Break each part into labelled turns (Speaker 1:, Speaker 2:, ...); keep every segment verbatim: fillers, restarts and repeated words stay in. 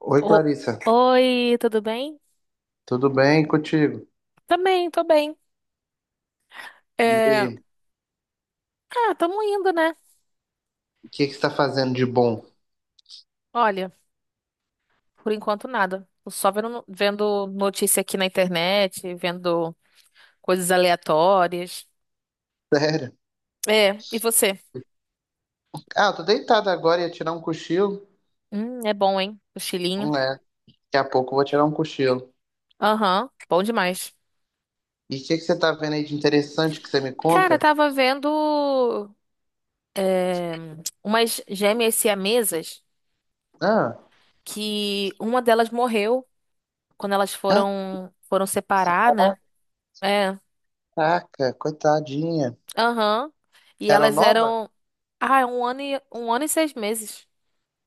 Speaker 1: Oi,
Speaker 2: O-
Speaker 1: Clarissa.
Speaker 2: Oi, tudo bem?
Speaker 1: Tudo bem contigo?
Speaker 2: Também, tô bem.
Speaker 1: E aí,
Speaker 2: É... Ah, tamo indo, né?
Speaker 1: o que que você está fazendo de bom?
Speaker 2: Olha, por enquanto nada. Tô só vendo, vendo notícia aqui na internet, vendo coisas aleatórias.
Speaker 1: Sério?
Speaker 2: É, e você?
Speaker 1: Ah, eu tô deitado agora, ia tirar um cochilo.
Speaker 2: Hum, é bom, hein? O chilinho.
Speaker 1: Não é, daqui a pouco eu vou tirar um cochilo.
Speaker 2: Aham, bom demais.
Speaker 1: E o que que você tá vendo aí de interessante que você me
Speaker 2: Cara,
Speaker 1: conta?
Speaker 2: tava vendo é, umas gêmeas siamesas
Speaker 1: Ah,
Speaker 2: que uma delas morreu quando elas
Speaker 1: ah,
Speaker 2: foram, foram separar, né? É.
Speaker 1: caraca, coitadinha.
Speaker 2: Aham. E
Speaker 1: Era
Speaker 2: elas
Speaker 1: nova?
Speaker 2: eram. Ah, é um ano e... um ano e seis meses.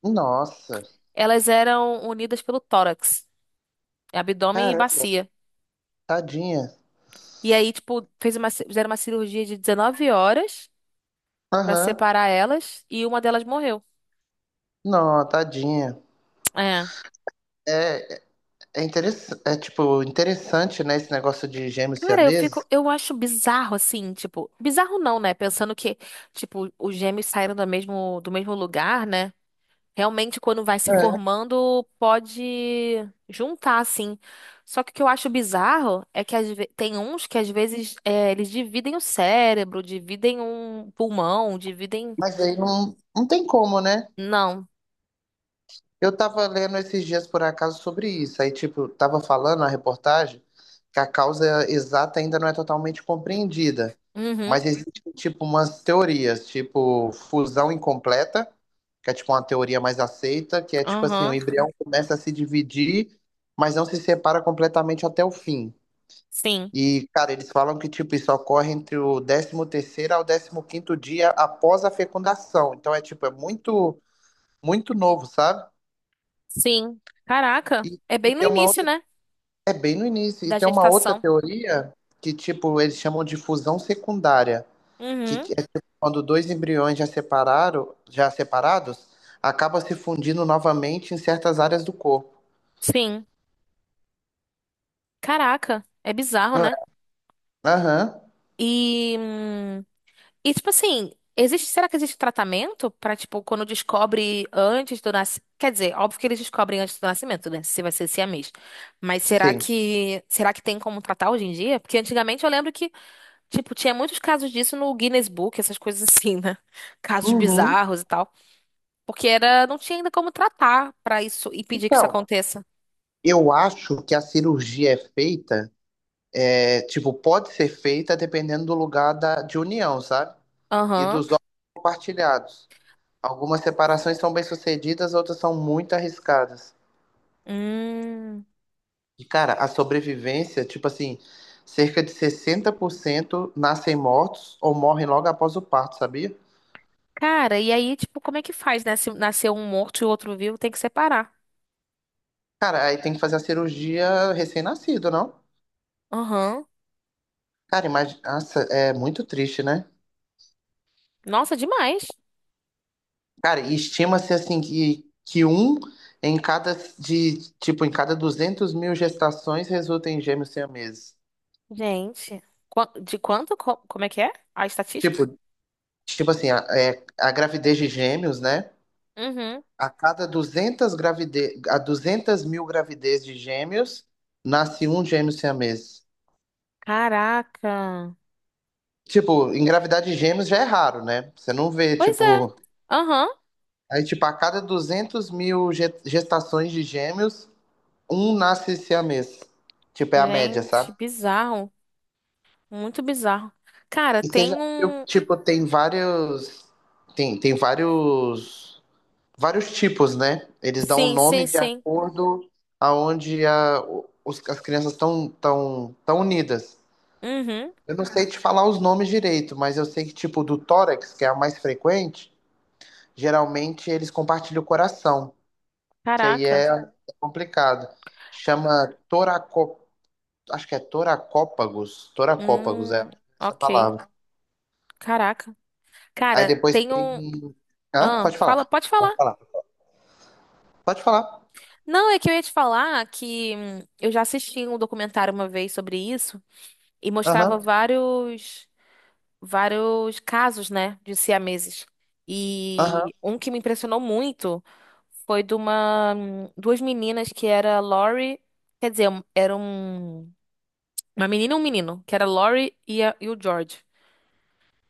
Speaker 1: Nossa,
Speaker 2: Elas eram unidas pelo tórax, abdômen e
Speaker 1: caramba,
Speaker 2: bacia.
Speaker 1: tadinha.
Speaker 2: E aí, tipo, fez uma... ci- fizeram uma cirurgia de 19 horas pra
Speaker 1: Aham.
Speaker 2: separar elas e uma delas morreu.
Speaker 1: Não, tadinha.
Speaker 2: É.
Speaker 1: É, é, interess... é tipo, interessante, né, esse negócio de gêmeos
Speaker 2: Cara, eu
Speaker 1: siameses.
Speaker 2: fico, eu acho bizarro assim, tipo, bizarro não, né? Pensando que, tipo, os gêmeos saíram do mesmo, do mesmo lugar, né? Realmente, quando vai se
Speaker 1: É,
Speaker 2: formando, pode juntar, assim. Só que o que eu acho bizarro é que às ve- tem uns que às vezes é, eles dividem o cérebro, dividem um pulmão, dividem.
Speaker 1: mas aí não, não tem como, né?
Speaker 2: Não.
Speaker 1: Eu tava lendo esses dias por acaso sobre isso. Aí, tipo, tava falando na reportagem que a causa exata ainda não é totalmente
Speaker 2: Hum,
Speaker 1: compreendida. Mas
Speaker 2: Uhum,
Speaker 1: existem, tipo, umas teorias, tipo, fusão incompleta, que é, tipo, uma teoria mais aceita, que é, tipo, assim, o
Speaker 2: aham.
Speaker 1: embrião começa a se dividir, mas não se separa completamente até o fim.
Speaker 2: Sim,
Speaker 1: E, cara, eles falam que, tipo, isso ocorre entre o décimo terceiro ao décimo quinto dia após a fecundação. Então, é, tipo, é muito, muito novo, sabe?
Speaker 2: sim. Caraca,
Speaker 1: E
Speaker 2: é
Speaker 1: e
Speaker 2: bem no
Speaker 1: tem uma
Speaker 2: início, né?
Speaker 1: É bem no início. E
Speaker 2: Da
Speaker 1: tem uma outra
Speaker 2: gestação.
Speaker 1: teoria que, tipo, eles chamam de fusão secundária, que
Speaker 2: Uhum,
Speaker 1: é tipo, quando dois embriões já separaram, já separados, acabam se fundindo novamente em certas áreas do corpo.
Speaker 2: sim. Caraca, é bizarro,
Speaker 1: Não é?
Speaker 2: né?
Speaker 1: Aham,
Speaker 2: E. hum, E tipo assim, existe, será que existe tratamento pra tipo quando descobre antes do nascimento? Quer dizer, óbvio que eles descobrem antes do nascimento, né? Se vai ser siamês. Mas será
Speaker 1: sim.
Speaker 2: que será que tem como tratar hoje em dia? Porque antigamente eu lembro que tipo tinha muitos casos disso no Guinness Book, essas coisas assim, né? Casos
Speaker 1: Uhum.
Speaker 2: bizarros e tal, porque era não tinha ainda como tratar pra isso e pedir que isso
Speaker 1: Então,
Speaker 2: aconteça.
Speaker 1: eu acho que a cirurgia é feita, é, tipo, pode ser feita dependendo do lugar da, de união, sabe? E
Speaker 2: Aham.
Speaker 1: dos órgãos compartilhados. Algumas separações são bem-sucedidas, outras são muito arriscadas.
Speaker 2: Hum.
Speaker 1: E, cara, a sobrevivência, tipo assim, cerca de sessenta por cento nascem mortos ou morrem logo após o parto, sabia?
Speaker 2: Cara, e aí tipo como é que faz, né? Se nascer um morto e o outro vivo, tem que separar.
Speaker 1: Cara, aí tem que fazer a cirurgia recém-nascido, não?
Speaker 2: Aham.
Speaker 1: Cara, imagina, nossa, é muito triste, né?
Speaker 2: Nossa, demais.
Speaker 1: Cara, e estima-se assim que, que um em cada de, tipo, em cada duzentas mil gestações resulta em gêmeos siameses.
Speaker 2: Gente, qua- de quanto? Co- Como é que é? A estatística?
Speaker 1: Tipo, tipo assim, a, é, a gravidez de gêmeos, né?
Speaker 2: Uhum.
Speaker 1: A cada duzentas gravide... a duzentas mil gravidez de gêmeos, nasce um gêmeo siamês.
Speaker 2: Caraca.
Speaker 1: Tipo, engravidar de gêmeos já é raro, né? Você não vê,
Speaker 2: Pois é.
Speaker 1: tipo.
Speaker 2: Aham.
Speaker 1: Aí, tipo, a cada duzentas mil ge- gestações de gêmeos, um nasce siamês. Tipo, é a média,
Speaker 2: Gente,
Speaker 1: sabe?
Speaker 2: bizarro. Muito bizarro. Cara,
Speaker 1: E você
Speaker 2: tem
Speaker 1: já viu,
Speaker 2: um.
Speaker 1: tipo, tem vários. Tem, tem vários. Vários tipos, né? Eles dão o
Speaker 2: Sim, sim,
Speaker 1: nome de
Speaker 2: sim.
Speaker 1: acordo aonde a, os- as crianças estão tão, tão tão unidas.
Speaker 2: Uhum.
Speaker 1: Eu não sei te falar os nomes direito, mas eu sei que, tipo, do tórax, que é a mais frequente, geralmente eles compartilham o coração, que aí
Speaker 2: Caraca.
Speaker 1: é, é complicado. Chama toracó, acho que é toracópagos, toracópagos é
Speaker 2: Hum,
Speaker 1: essa
Speaker 2: ok.
Speaker 1: palavra.
Speaker 2: Caraca.
Speaker 1: Aí
Speaker 2: Cara,
Speaker 1: depois
Speaker 2: tem um.
Speaker 1: tem. Hã?
Speaker 2: Ah,
Speaker 1: Pode falar,
Speaker 2: fala, pode
Speaker 1: pode
Speaker 2: falar.
Speaker 1: falar. Pode falar.
Speaker 2: Não, é que eu ia te falar que hum, eu já assisti um documentário uma vez sobre isso e mostrava
Speaker 1: Aham,
Speaker 2: vários. vários casos, né, de siameses.
Speaker 1: aham.
Speaker 2: E um que me impressionou muito foi de uma duas meninas que era Lori, quer dizer, um- era um uma menina e um menino, que era Lori e, a- e o George.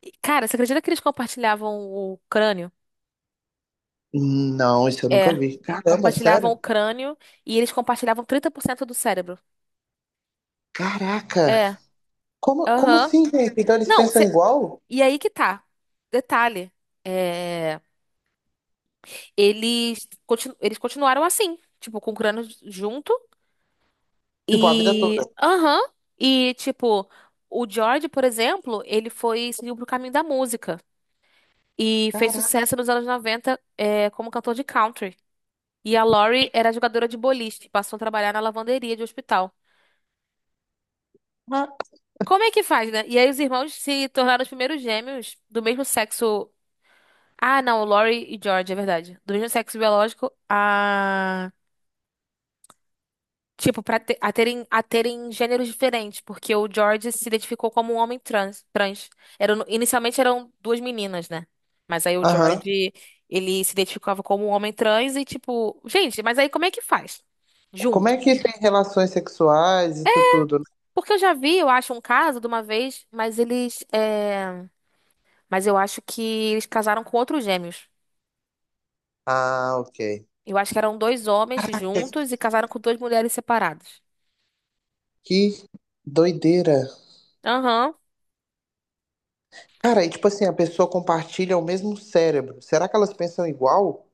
Speaker 2: E, cara, você acredita que eles compartilhavam o crânio?
Speaker 1: Não, isso eu nunca
Speaker 2: É.
Speaker 1: vi. Caramba,
Speaker 2: Compartilhavam o
Speaker 1: sério?
Speaker 2: crânio e eles compartilhavam trinta por cento do cérebro.
Speaker 1: Caraca!
Speaker 2: É.
Speaker 1: Como, como
Speaker 2: Aham.
Speaker 1: assim, gente? Então eles
Speaker 2: Não,
Speaker 1: pensam
Speaker 2: cê-
Speaker 1: igual?
Speaker 2: e aí que tá. Detalhe. É. Eles, continu- eles continuaram assim, tipo, com o Cronos junto.
Speaker 1: Tipo, a vida toda.
Speaker 2: E. Aham. E, tipo, o George, por exemplo, ele foi seguiu pro caminho da música. E fez
Speaker 1: Caraca!
Speaker 2: sucesso nos anos noventa é, como cantor de country. E a Lori era jogadora de boliche, passou a trabalhar na lavanderia de hospital. Como é que faz, né? E aí os irmãos se tornaram os primeiros gêmeos do mesmo sexo. Ah, não, Lori e George, é verdade. Do mesmo sexo biológico, tipo, pra te- a terem, a terem gêneros diferentes, porque o George se identificou como um homem trans, trans. Eram, inicialmente eram duas meninas, né? Mas aí o
Speaker 1: Aham.
Speaker 2: George, ele se identificava como um homem trans e tipo, gente, mas aí como é que faz?
Speaker 1: Como é
Speaker 2: Junto.
Speaker 1: que tem relações sexuais, isso tudo? Né?
Speaker 2: Porque eu já vi, eu acho, um caso de uma vez, mas eles, é, mas eu acho que eles casaram com outros gêmeos.
Speaker 1: Ah, ok.
Speaker 2: Eu acho que eram dois homens juntos e casaram com duas mulheres separadas.
Speaker 1: Que doideira.
Speaker 2: Aham.
Speaker 1: Cara, e tipo assim, a pessoa compartilha o mesmo cérebro. Será que elas pensam igual?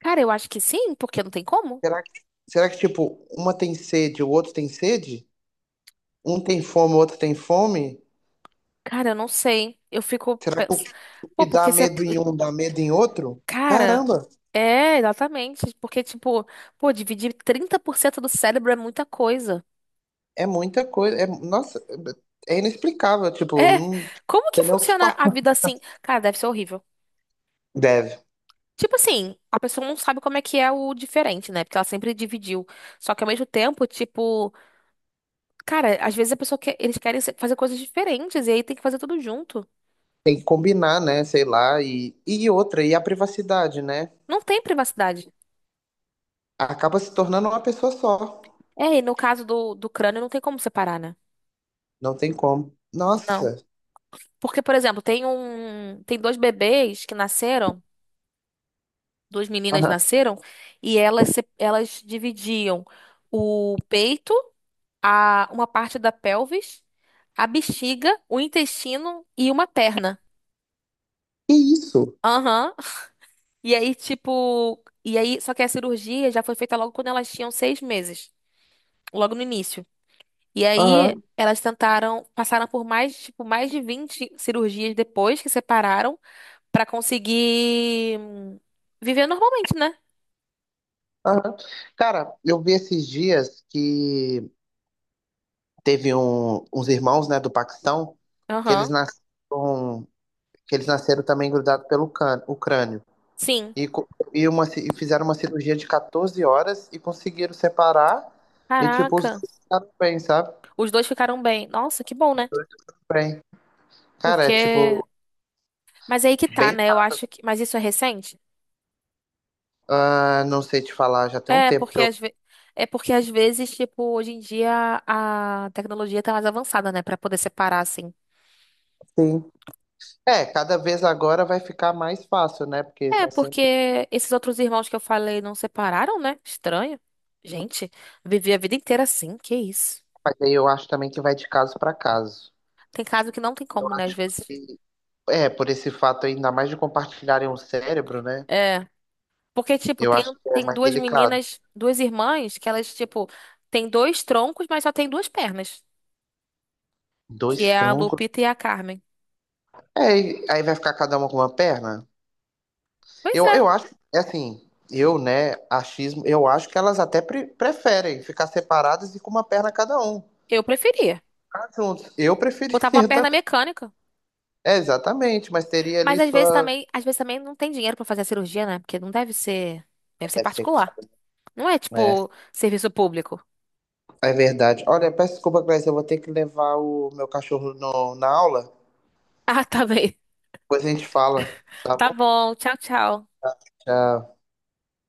Speaker 2: Cara, eu acho que sim, porque não tem como.
Speaker 1: Será que, será que tipo, uma tem sede, o outro tem sede? Um tem fome, o outro tem fome?
Speaker 2: Cara, eu não sei. Eu fico
Speaker 1: Será que
Speaker 2: pens...
Speaker 1: o
Speaker 2: Pô,
Speaker 1: que dá
Speaker 2: porque você.
Speaker 1: medo em um dá medo em outro?
Speaker 2: Cara,
Speaker 1: Caramba,
Speaker 2: é, exatamente. Porque, tipo, pô, dividir trinta por cento do cérebro é muita coisa.
Speaker 1: é muita coisa. É, nossa, é inexplicável. Tipo,
Speaker 2: É.
Speaker 1: não
Speaker 2: Como que
Speaker 1: tem nem o que
Speaker 2: funciona a
Speaker 1: falar.
Speaker 2: vida assim? Cara, deve ser horrível.
Speaker 1: Deve.
Speaker 2: Tipo assim, a pessoa não sabe como é que é o diferente, né? Porque ela sempre dividiu. Só que ao mesmo tempo, tipo, cara, às vezes a pessoa quer, eles querem se- fazer coisas diferentes e aí tem que fazer tudo junto.
Speaker 1: Tem que combinar, né? Sei lá. E, e outra, e a privacidade, né?
Speaker 2: Não tem privacidade.
Speaker 1: Acaba se tornando uma pessoa só.
Speaker 2: É, e no caso do, do crânio não tem como separar, né?
Speaker 1: Não tem como.
Speaker 2: Não.
Speaker 1: Nossa.
Speaker 2: Porque, por exemplo, tem um, tem dois bebês que nasceram, duas meninas
Speaker 1: Aham.
Speaker 2: nasceram, e elas, se- elas dividiam o peito, a, uma parte da pelvis, a bexiga, o intestino e uma perna.
Speaker 1: Que isso?
Speaker 2: Aham. E aí, tipo, e aí, só que a cirurgia já foi feita logo quando elas tinham seis meses, logo no início. E aí,
Speaker 1: Aham.
Speaker 2: elas tentaram, passaram por mais, tipo, mais de vinte cirurgias depois que separaram. Pra conseguir hum, viver normalmente, né?
Speaker 1: Aham. Cara, eu vi esses dias que teve um- uns irmãos, né, do Paquistão, que eles
Speaker 2: Aham.
Speaker 1: nasceram, que eles nasceram também grudados pelo cân- o crânio.
Speaker 2: Sim.
Speaker 1: E, co- e, uma, ci- e fizeram uma cirurgia de catorze horas e conseguiram separar. E, tipo, os
Speaker 2: Caraca.
Speaker 1: dois ficaram bem, sabe?
Speaker 2: Os dois ficaram bem. Nossa, que bom, né?
Speaker 1: Bem. Cara, é, tipo,
Speaker 2: Porque. Mas aí que tá,
Speaker 1: bem.
Speaker 2: né? Eu acho que. Mas isso é recente?
Speaker 1: Ah, não sei te falar, já tem um
Speaker 2: É,
Speaker 1: tempo
Speaker 2: porque
Speaker 1: que eu.
Speaker 2: às ve... é porque às vezes, tipo, hoje em dia a tecnologia tá mais avançada, né? Pra poder separar, assim.
Speaker 1: Sim. É, cada vez agora vai ficar mais fácil, né? Porque
Speaker 2: É,
Speaker 1: tá sempre.
Speaker 2: porque esses outros irmãos que eu falei não separaram, né? Estranho. Gente, vivi a vida inteira assim, que isso.
Speaker 1: Mas aí eu acho também que vai de caso para caso.
Speaker 2: Tem caso que não tem
Speaker 1: Eu
Speaker 2: como, né? Às
Speaker 1: acho
Speaker 2: vezes.
Speaker 1: que, é, por esse fato ainda mais de compartilharem o cérebro, né?
Speaker 2: É. Porque, tipo,
Speaker 1: Eu
Speaker 2: tem,
Speaker 1: acho que é
Speaker 2: tem
Speaker 1: mais
Speaker 2: duas
Speaker 1: delicado.
Speaker 2: meninas, duas irmãs, que elas, tipo, tem dois troncos, mas só tem duas pernas. Que
Speaker 1: Dois
Speaker 2: é a
Speaker 1: troncos.
Speaker 2: Lupita e a Carmen.
Speaker 1: É, e aí vai ficar cada uma com uma perna?
Speaker 2: Pois
Speaker 1: Eu, eu
Speaker 2: é,
Speaker 1: acho, é assim, eu, né, achismo, eu acho que elas até pre- preferem ficar separadas e com uma perna cada um. Ficar
Speaker 2: eu preferia.
Speaker 1: juntos. Eu
Speaker 2: Botava uma
Speaker 1: preferiria
Speaker 2: perna
Speaker 1: também.
Speaker 2: mecânica.
Speaker 1: É, exatamente, mas teria
Speaker 2: Mas
Speaker 1: ali
Speaker 2: às vezes
Speaker 1: sua.
Speaker 2: também, às vezes também não tem dinheiro pra fazer a cirurgia, né? Porque não deve ser, deve ser
Speaker 1: Deve ser caro,
Speaker 2: particular. Não é,
Speaker 1: né?
Speaker 2: tipo, serviço público.
Speaker 1: É verdade. Olha, peço desculpa, Cláudia, eu vou ter que levar o meu cachorro no, na aula.
Speaker 2: Ah, tá bem.
Speaker 1: Depois a gente fala, tá
Speaker 2: Tá
Speaker 1: bom?
Speaker 2: bom. Tchau, tchau.
Speaker 1: Tchau.